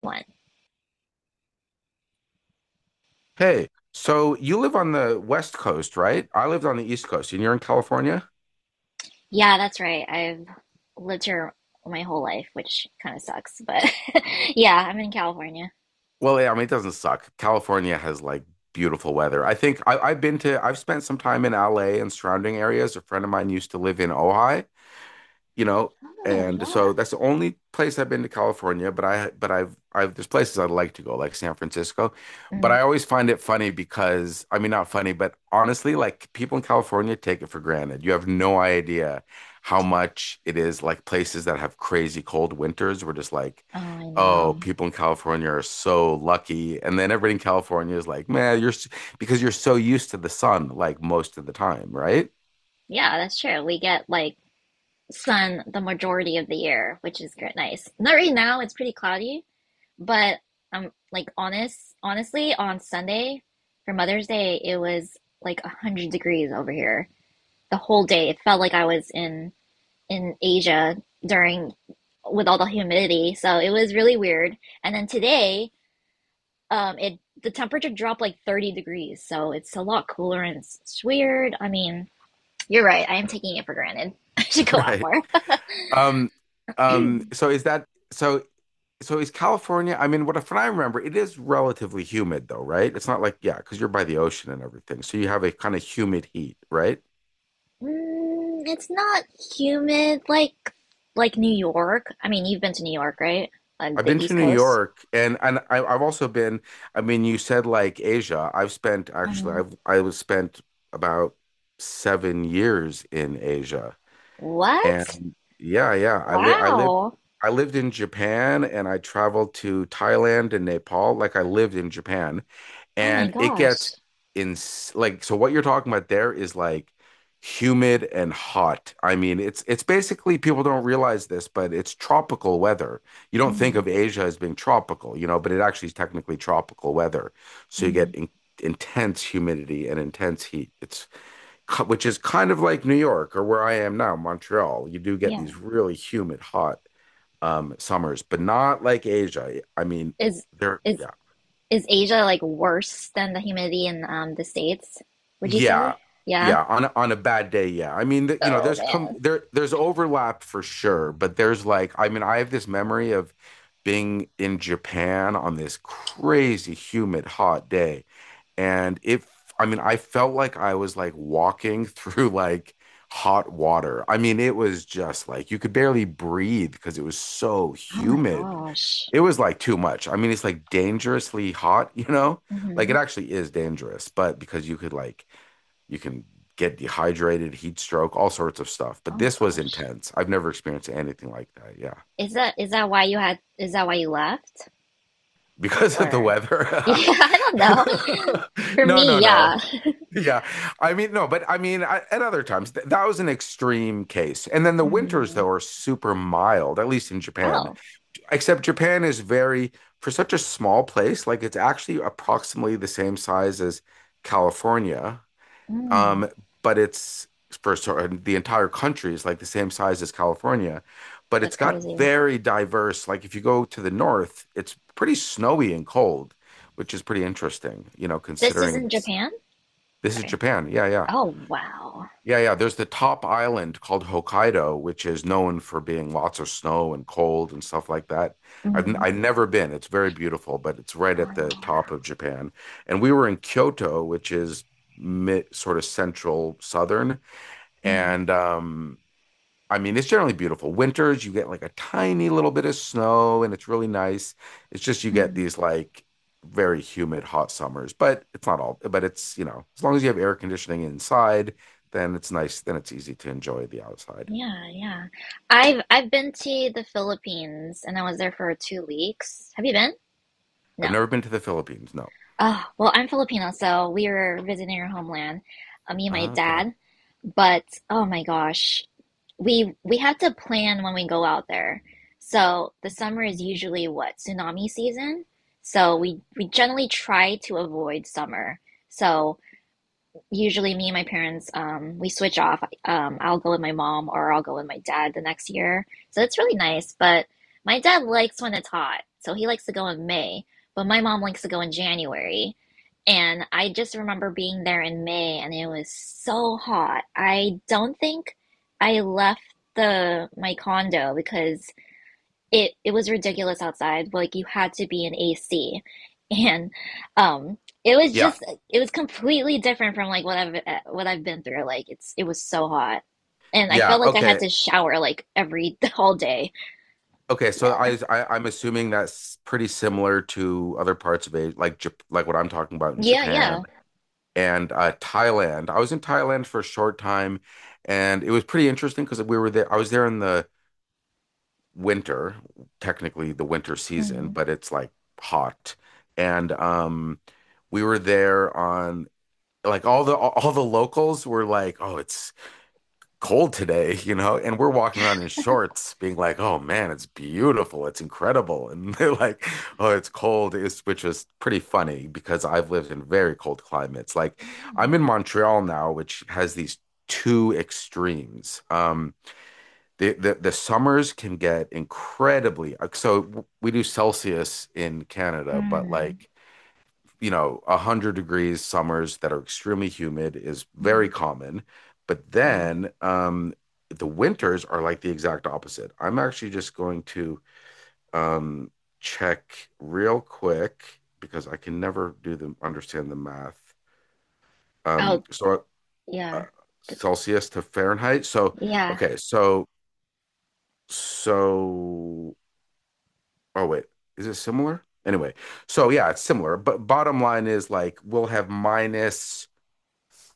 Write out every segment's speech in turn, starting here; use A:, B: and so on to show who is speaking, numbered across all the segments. A: One.
B: Hey, so you live on the West Coast, right? I lived on the East Coast, and you're in California?
A: Yeah, that's right. I've lived here my whole life, which kind of sucks, but yeah, I'm in California.
B: Well, yeah, I mean, it doesn't suck. California has like beautiful weather. I think I, I've been to, I've spent some time in LA and surrounding areas. A friend of mine used to live in Ojai, you know,
A: Oh,
B: and so
A: yeah.
B: that's the only place I've been to California, but I've there's places I'd like to go, like San Francisco. But
A: Mm,
B: I always find it funny because I mean not funny, but honestly, like people in California take it for granted. You have no idea how much it is like places that have crazy cold winters. We're just like,
A: oh, I
B: oh,
A: know.
B: people in California are so lucky. And then everybody in California is like, man, because you're so used to the sun like most of the time, right?
A: Yeah, that's true. We get like sun the majority of the year, which is good, nice. Not right now, it's pretty cloudy, but honestly, on Sunday for Mother's Day, it was like 100 degrees over here the whole day. It felt like I was in Asia during with all the humidity. So it was really weird. And then today, it the temperature dropped like 30 degrees. So it's a lot cooler and it's weird. I mean, you're right. I am taking it for granted. I should go out
B: Right.
A: more.
B: Um, um, so is that so so is California, I mean, what from what I remember, it is relatively humid though, right? It's not like, yeah, because you're by the ocean and everything. So you have a kind of humid heat, right?
A: Mm, it's not humid like New York. I mean, you've been to New York, right? On
B: I've
A: the
B: been to
A: East
B: New
A: Coast.
B: York and I've also been, I mean, you said like Asia. I've spent actually
A: Hmm.
B: I've I was spent about 7 years in Asia.
A: What?
B: And yeah, yeah, I live I lived
A: Wow.
B: I lived in Japan and I traveled to Thailand and Nepal. Like I lived in Japan,
A: Oh my
B: and it gets
A: gosh.
B: in like so what you're talking about there is like humid and hot. I mean, it's basically people don't realize this, but it's tropical weather. You don't think
A: Hmm.
B: of Asia as being tropical, you know, but it actually is technically tropical weather. So you
A: Hmm.
B: get in intense humidity and intense heat. Which is kind of like New York or where I am now, Montreal. You do get
A: Yeah.
B: these really humid, hot summers, but not like Asia. I mean,
A: Is
B: there,
A: is
B: yeah.
A: Is Asia like worse than the humidity in the States, would you say?
B: Yeah.
A: Yeah.
B: Yeah, on a bad day, yeah. I mean, you know,
A: Oh
B: there's come
A: man.
B: there there's overlap for sure, but there's like I mean, I have this memory of being in Japan on this crazy humid hot day and it I mean, I felt like I was like walking through like hot water. I mean, it was just like you could barely breathe because it was so
A: Oh my
B: humid.
A: gosh.
B: It was like too much. I mean, it's like dangerously hot, you know? Like it
A: Hmm.
B: actually is dangerous, but because you could like you can get dehydrated, heat stroke, all sorts of stuff.
A: Oh
B: But
A: my
B: this was
A: gosh.
B: intense. I've never experienced anything like that. Yeah.
A: Is that why you left?
B: Because of the
A: Or yeah,
B: weather.
A: I don't know. For
B: No,
A: me,
B: no, no.
A: yeah.
B: Yeah. I mean, no, but I mean, I, at other times, th that was an extreme case. And then the winters,
A: Mm.
B: though, are super mild, at least in Japan.
A: Oh.
B: Except Japan is very, for such a small place, like it's actually approximately the same size as California.
A: Mm.
B: Um, but it's for sort the entire country is like the same size as California, but
A: That's
B: it's got
A: crazy.
B: very diverse. Like if you go to the north, it's pretty snowy and cold, which is pretty interesting, you know,
A: This is
B: considering
A: in
B: it's,
A: Japan?
B: this is
A: Sorry.
B: Japan. Yeah, yeah.
A: Oh wow.
B: Yeah, yeah. There's the top island called Hokkaido, which is known for being lots of snow and cold and stuff like that.
A: Mm.
B: I've never been. It's very beautiful, but it's right at
A: Oh,
B: the top of Japan. And we were in Kyoto, which is mid, sort of central southern,
A: mm.
B: and I mean, it's generally beautiful. Winters, you get like a tiny little bit of snow and it's really nice. It's just you get
A: Hmm.
B: these like very humid, hot summers, but it's not all, but it's, you know, as long as you have air conditioning inside, then it's nice. Then it's easy to enjoy the outside.
A: Yeah, yeah. I've been to the Philippines and I was there for 2 weeks. Have you been?
B: I've
A: No.
B: never been to the Philippines. No.
A: Oh, well, I'm Filipino, so we were visiting our homeland, me and my
B: Okay.
A: dad. But oh my gosh, we have to plan when we go out there. So the summer is usually what, tsunami season? So we generally try to avoid summer. So usually me and my parents we switch off. Um, I'll go with my mom or I'll go with my dad the next year. So it's really nice, but my dad likes when it's hot. So he likes to go in May, but my mom likes to go in January. And I just remember being there in May and it was so hot. I don't think I left the my condo because it was ridiculous outside. Like you had to be in AC, and um, it was
B: Yeah.
A: just it was completely different from like what I've been through. Like it was so hot, and I
B: Yeah.
A: felt like I had
B: Okay.
A: to shower like every all day.
B: Okay. So
A: Yeah,
B: I I'm assuming that's pretty similar to other parts of Asia, like like what I'm talking about in
A: yeah,
B: Japan
A: yeah,
B: and Thailand. I was in Thailand for a short time, and it was pretty interesting because we were there. I was there in the winter, technically the winter season,
A: hmm,
B: but it's like hot, and we were there on like all the locals were like, "Oh, it's cold today, you know," and we're walking around in shorts being like, oh man, it's beautiful, it's incredible. And they're like, oh, it's cold, it's, which was pretty funny because I've lived in very cold climates. Like
A: yeah.
B: I'm in Montreal now, which has these two extremes. The summers can get incredibly, so we do Celsius in Canada, but
A: Mm-hmm.
B: like you know, 100 degrees summers that are extremely humid is
A: Mm-hmm.
B: very common. But
A: Mm-hmm.
B: then the winters are like the exact opposite. I'm actually just going to um, check real quick because I can never do the understand the math. Um,
A: Oh,
B: so uh,
A: yeah. Th-
B: Celsius to Fahrenheit. So
A: yeah.
B: okay, so oh wait, is it similar? Anyway, so yeah, it's similar. But bottom line is like we'll have minus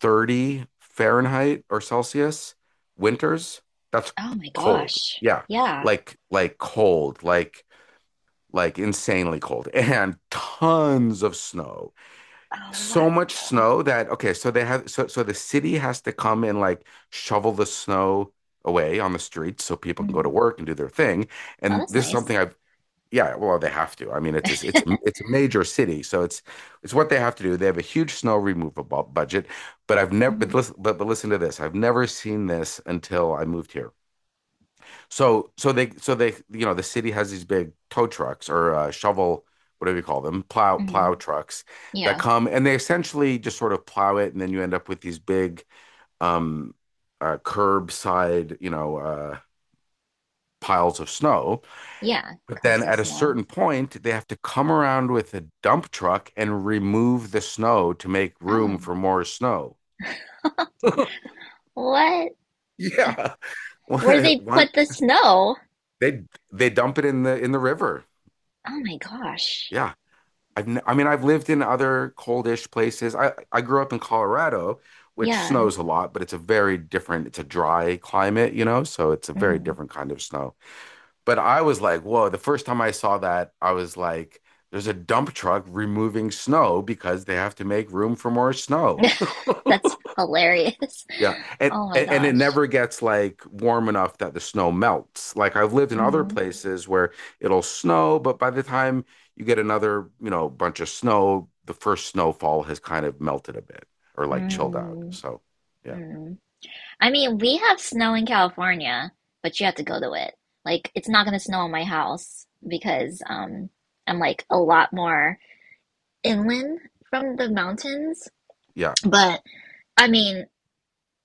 B: 30 Fahrenheit or Celsius winters. That's
A: Oh my
B: cold.
A: gosh,
B: Yeah.
A: yeah.
B: Like cold, like insanely cold and tons of snow.
A: Oh
B: So much
A: wow.
B: snow that okay, so they have so the city has to come and like shovel the snow away on the streets so people can go to
A: Hmm.
B: work and do their thing.
A: Oh,
B: And
A: that's
B: this is
A: nice.
B: something I've yeah, well, they have to. I mean, it's a, it's a major city, so it's what they have to do. They have a huge snow removal budget, but I've never but
A: Hmm.
B: listen but listen to this. I've never seen this until I moved here. So they you know the city has these big tow trucks or shovel whatever you call them plow
A: Hmm.
B: plow trucks that
A: Yeah,
B: come and they essentially just sort of plow it, and then you end up with these big um curbside you know piles of snow.
A: yeah. Comes
B: Then
A: the
B: at a
A: snow.
B: certain point, they have to come around with a dump truck and remove the snow to make room
A: Oh,
B: for more snow.
A: what?
B: Yeah,
A: Where they
B: one
A: put the snow?
B: they they dump it in the river.
A: Oh my gosh.
B: Yeah, I mean I've lived in other coldish places. I grew up in Colorado, which
A: Yeah.
B: snows a lot, but it's a very different. It's a dry climate, you know, so it's a very
A: Mm.
B: different kind of snow. But I was like, whoa, the first time I saw that, I was like, there's a dump truck removing snow because they have to make room for more snow.
A: That's hilarious.
B: Yeah. And,
A: Oh my
B: and and it
A: gosh.
B: never gets like warm enough that the snow melts. Like I've lived in other
A: Mm-hmm.
B: places where it'll snow, but by the time you get another, you know, bunch of snow, the first snowfall has kind of melted a bit or like chilled out.
A: Mm.
B: So, yeah.
A: Mm. I mean, we have snow in California, but you have to go to it. Like, it's not gonna snow in my house because I'm like a lot more inland from the mountains.
B: Yeah.
A: But I mean,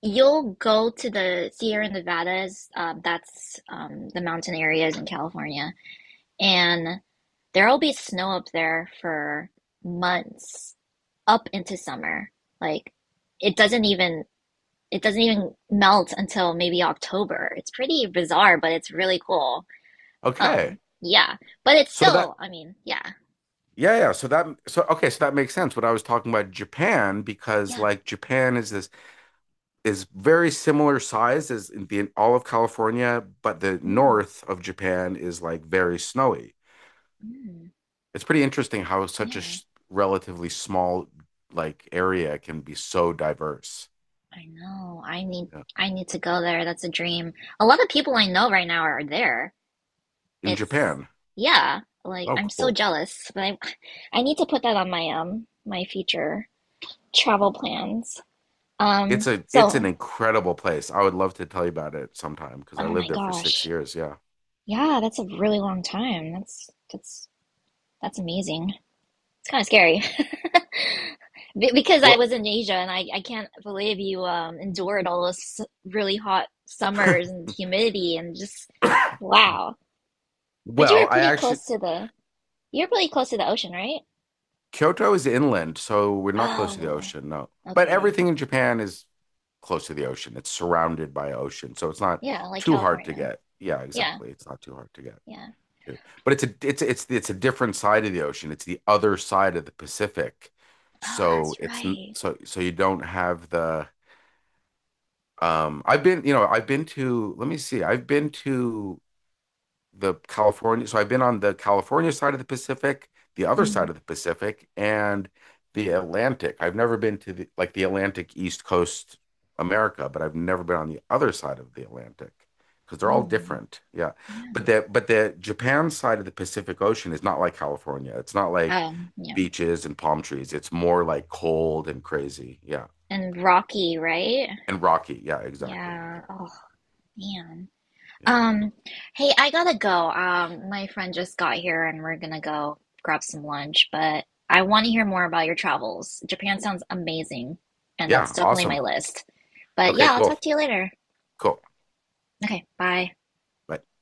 A: you'll go to the Sierra Nevadas. That's the mountain areas in California and there'll be snow up there for months up into summer. Like it doesn't even it doesn't even melt until maybe October. It's pretty bizarre, but it's really cool.
B: Okay.
A: Yeah, but it's
B: So that
A: still, I mean, yeah,
B: Yeah, yeah. So that so okay, so that makes sense. What I was talking about Japan because
A: yeah,
B: like Japan is this is very similar size as in the all of California, but the
A: mm,
B: north of Japan is like very snowy.
A: mm,
B: It's pretty interesting how such a
A: yeah.
B: sh relatively small like area can be so diverse.
A: I know.
B: Yeah.
A: I need to go there. That's a dream. A lot of people I know right now are there.
B: In
A: It's
B: Japan.
A: yeah, like
B: Oh,
A: I'm so
B: cool.
A: jealous, but I need to put that on my my future travel plans.
B: It's a it's an
A: So
B: incredible place. I would love to tell you about it sometime because I
A: oh
B: lived
A: my
B: there for six
A: gosh.
B: years. Yeah.
A: Yeah, that's a really long time. That's amazing. It's kind of scary. Because I
B: Well,
A: was in Asia and I can't believe you endured all those really hot summers and humidity and just wow. But
B: well, I actually
A: you were pretty close to the ocean, right?
B: Kyoto is inland, so we're not close to the
A: Oh,
B: ocean, no. But
A: okay.
B: everything in Japan is close to the ocean. It's surrounded by ocean, so it's not
A: Yeah, like
B: too hard to
A: California.
B: get. Yeah,
A: Yeah,
B: exactly. It's not too hard to get
A: yeah.
B: to. But it's a it's a different side of the ocean. It's the other side of the Pacific.
A: Oh,
B: So
A: that's
B: it's n-
A: right.
B: so so you don't have the I've been, you know, I've been to, let me see. I've been to the California. So I've been on the California side of the Pacific, the other
A: Mm.
B: side of the Pacific, and the Atlantic. I've never been to the like the Atlantic East Coast America, but I've never been on the other side of the Atlantic because they're all
A: Mm.
B: different. Yeah.
A: Yeah.
B: But the Japan side of the Pacific Ocean is not like California. It's not like
A: Yeah.
B: beaches and palm trees. It's more like cold and crazy. Yeah.
A: And Rocky, right?
B: And rocky. Yeah, exactly.
A: Yeah.
B: Exactly.
A: Oh, man.
B: Yeah.
A: Um, hey, I gotta go. My friend just got here and we're gonna go grab some lunch, but I want to hear more about your travels. Japan sounds amazing, and that's
B: Yeah.
A: definitely my
B: Awesome.
A: list. But
B: Okay,
A: yeah, I'll
B: cool.
A: talk to you later.
B: Cool.
A: Okay, bye.
B: Bye.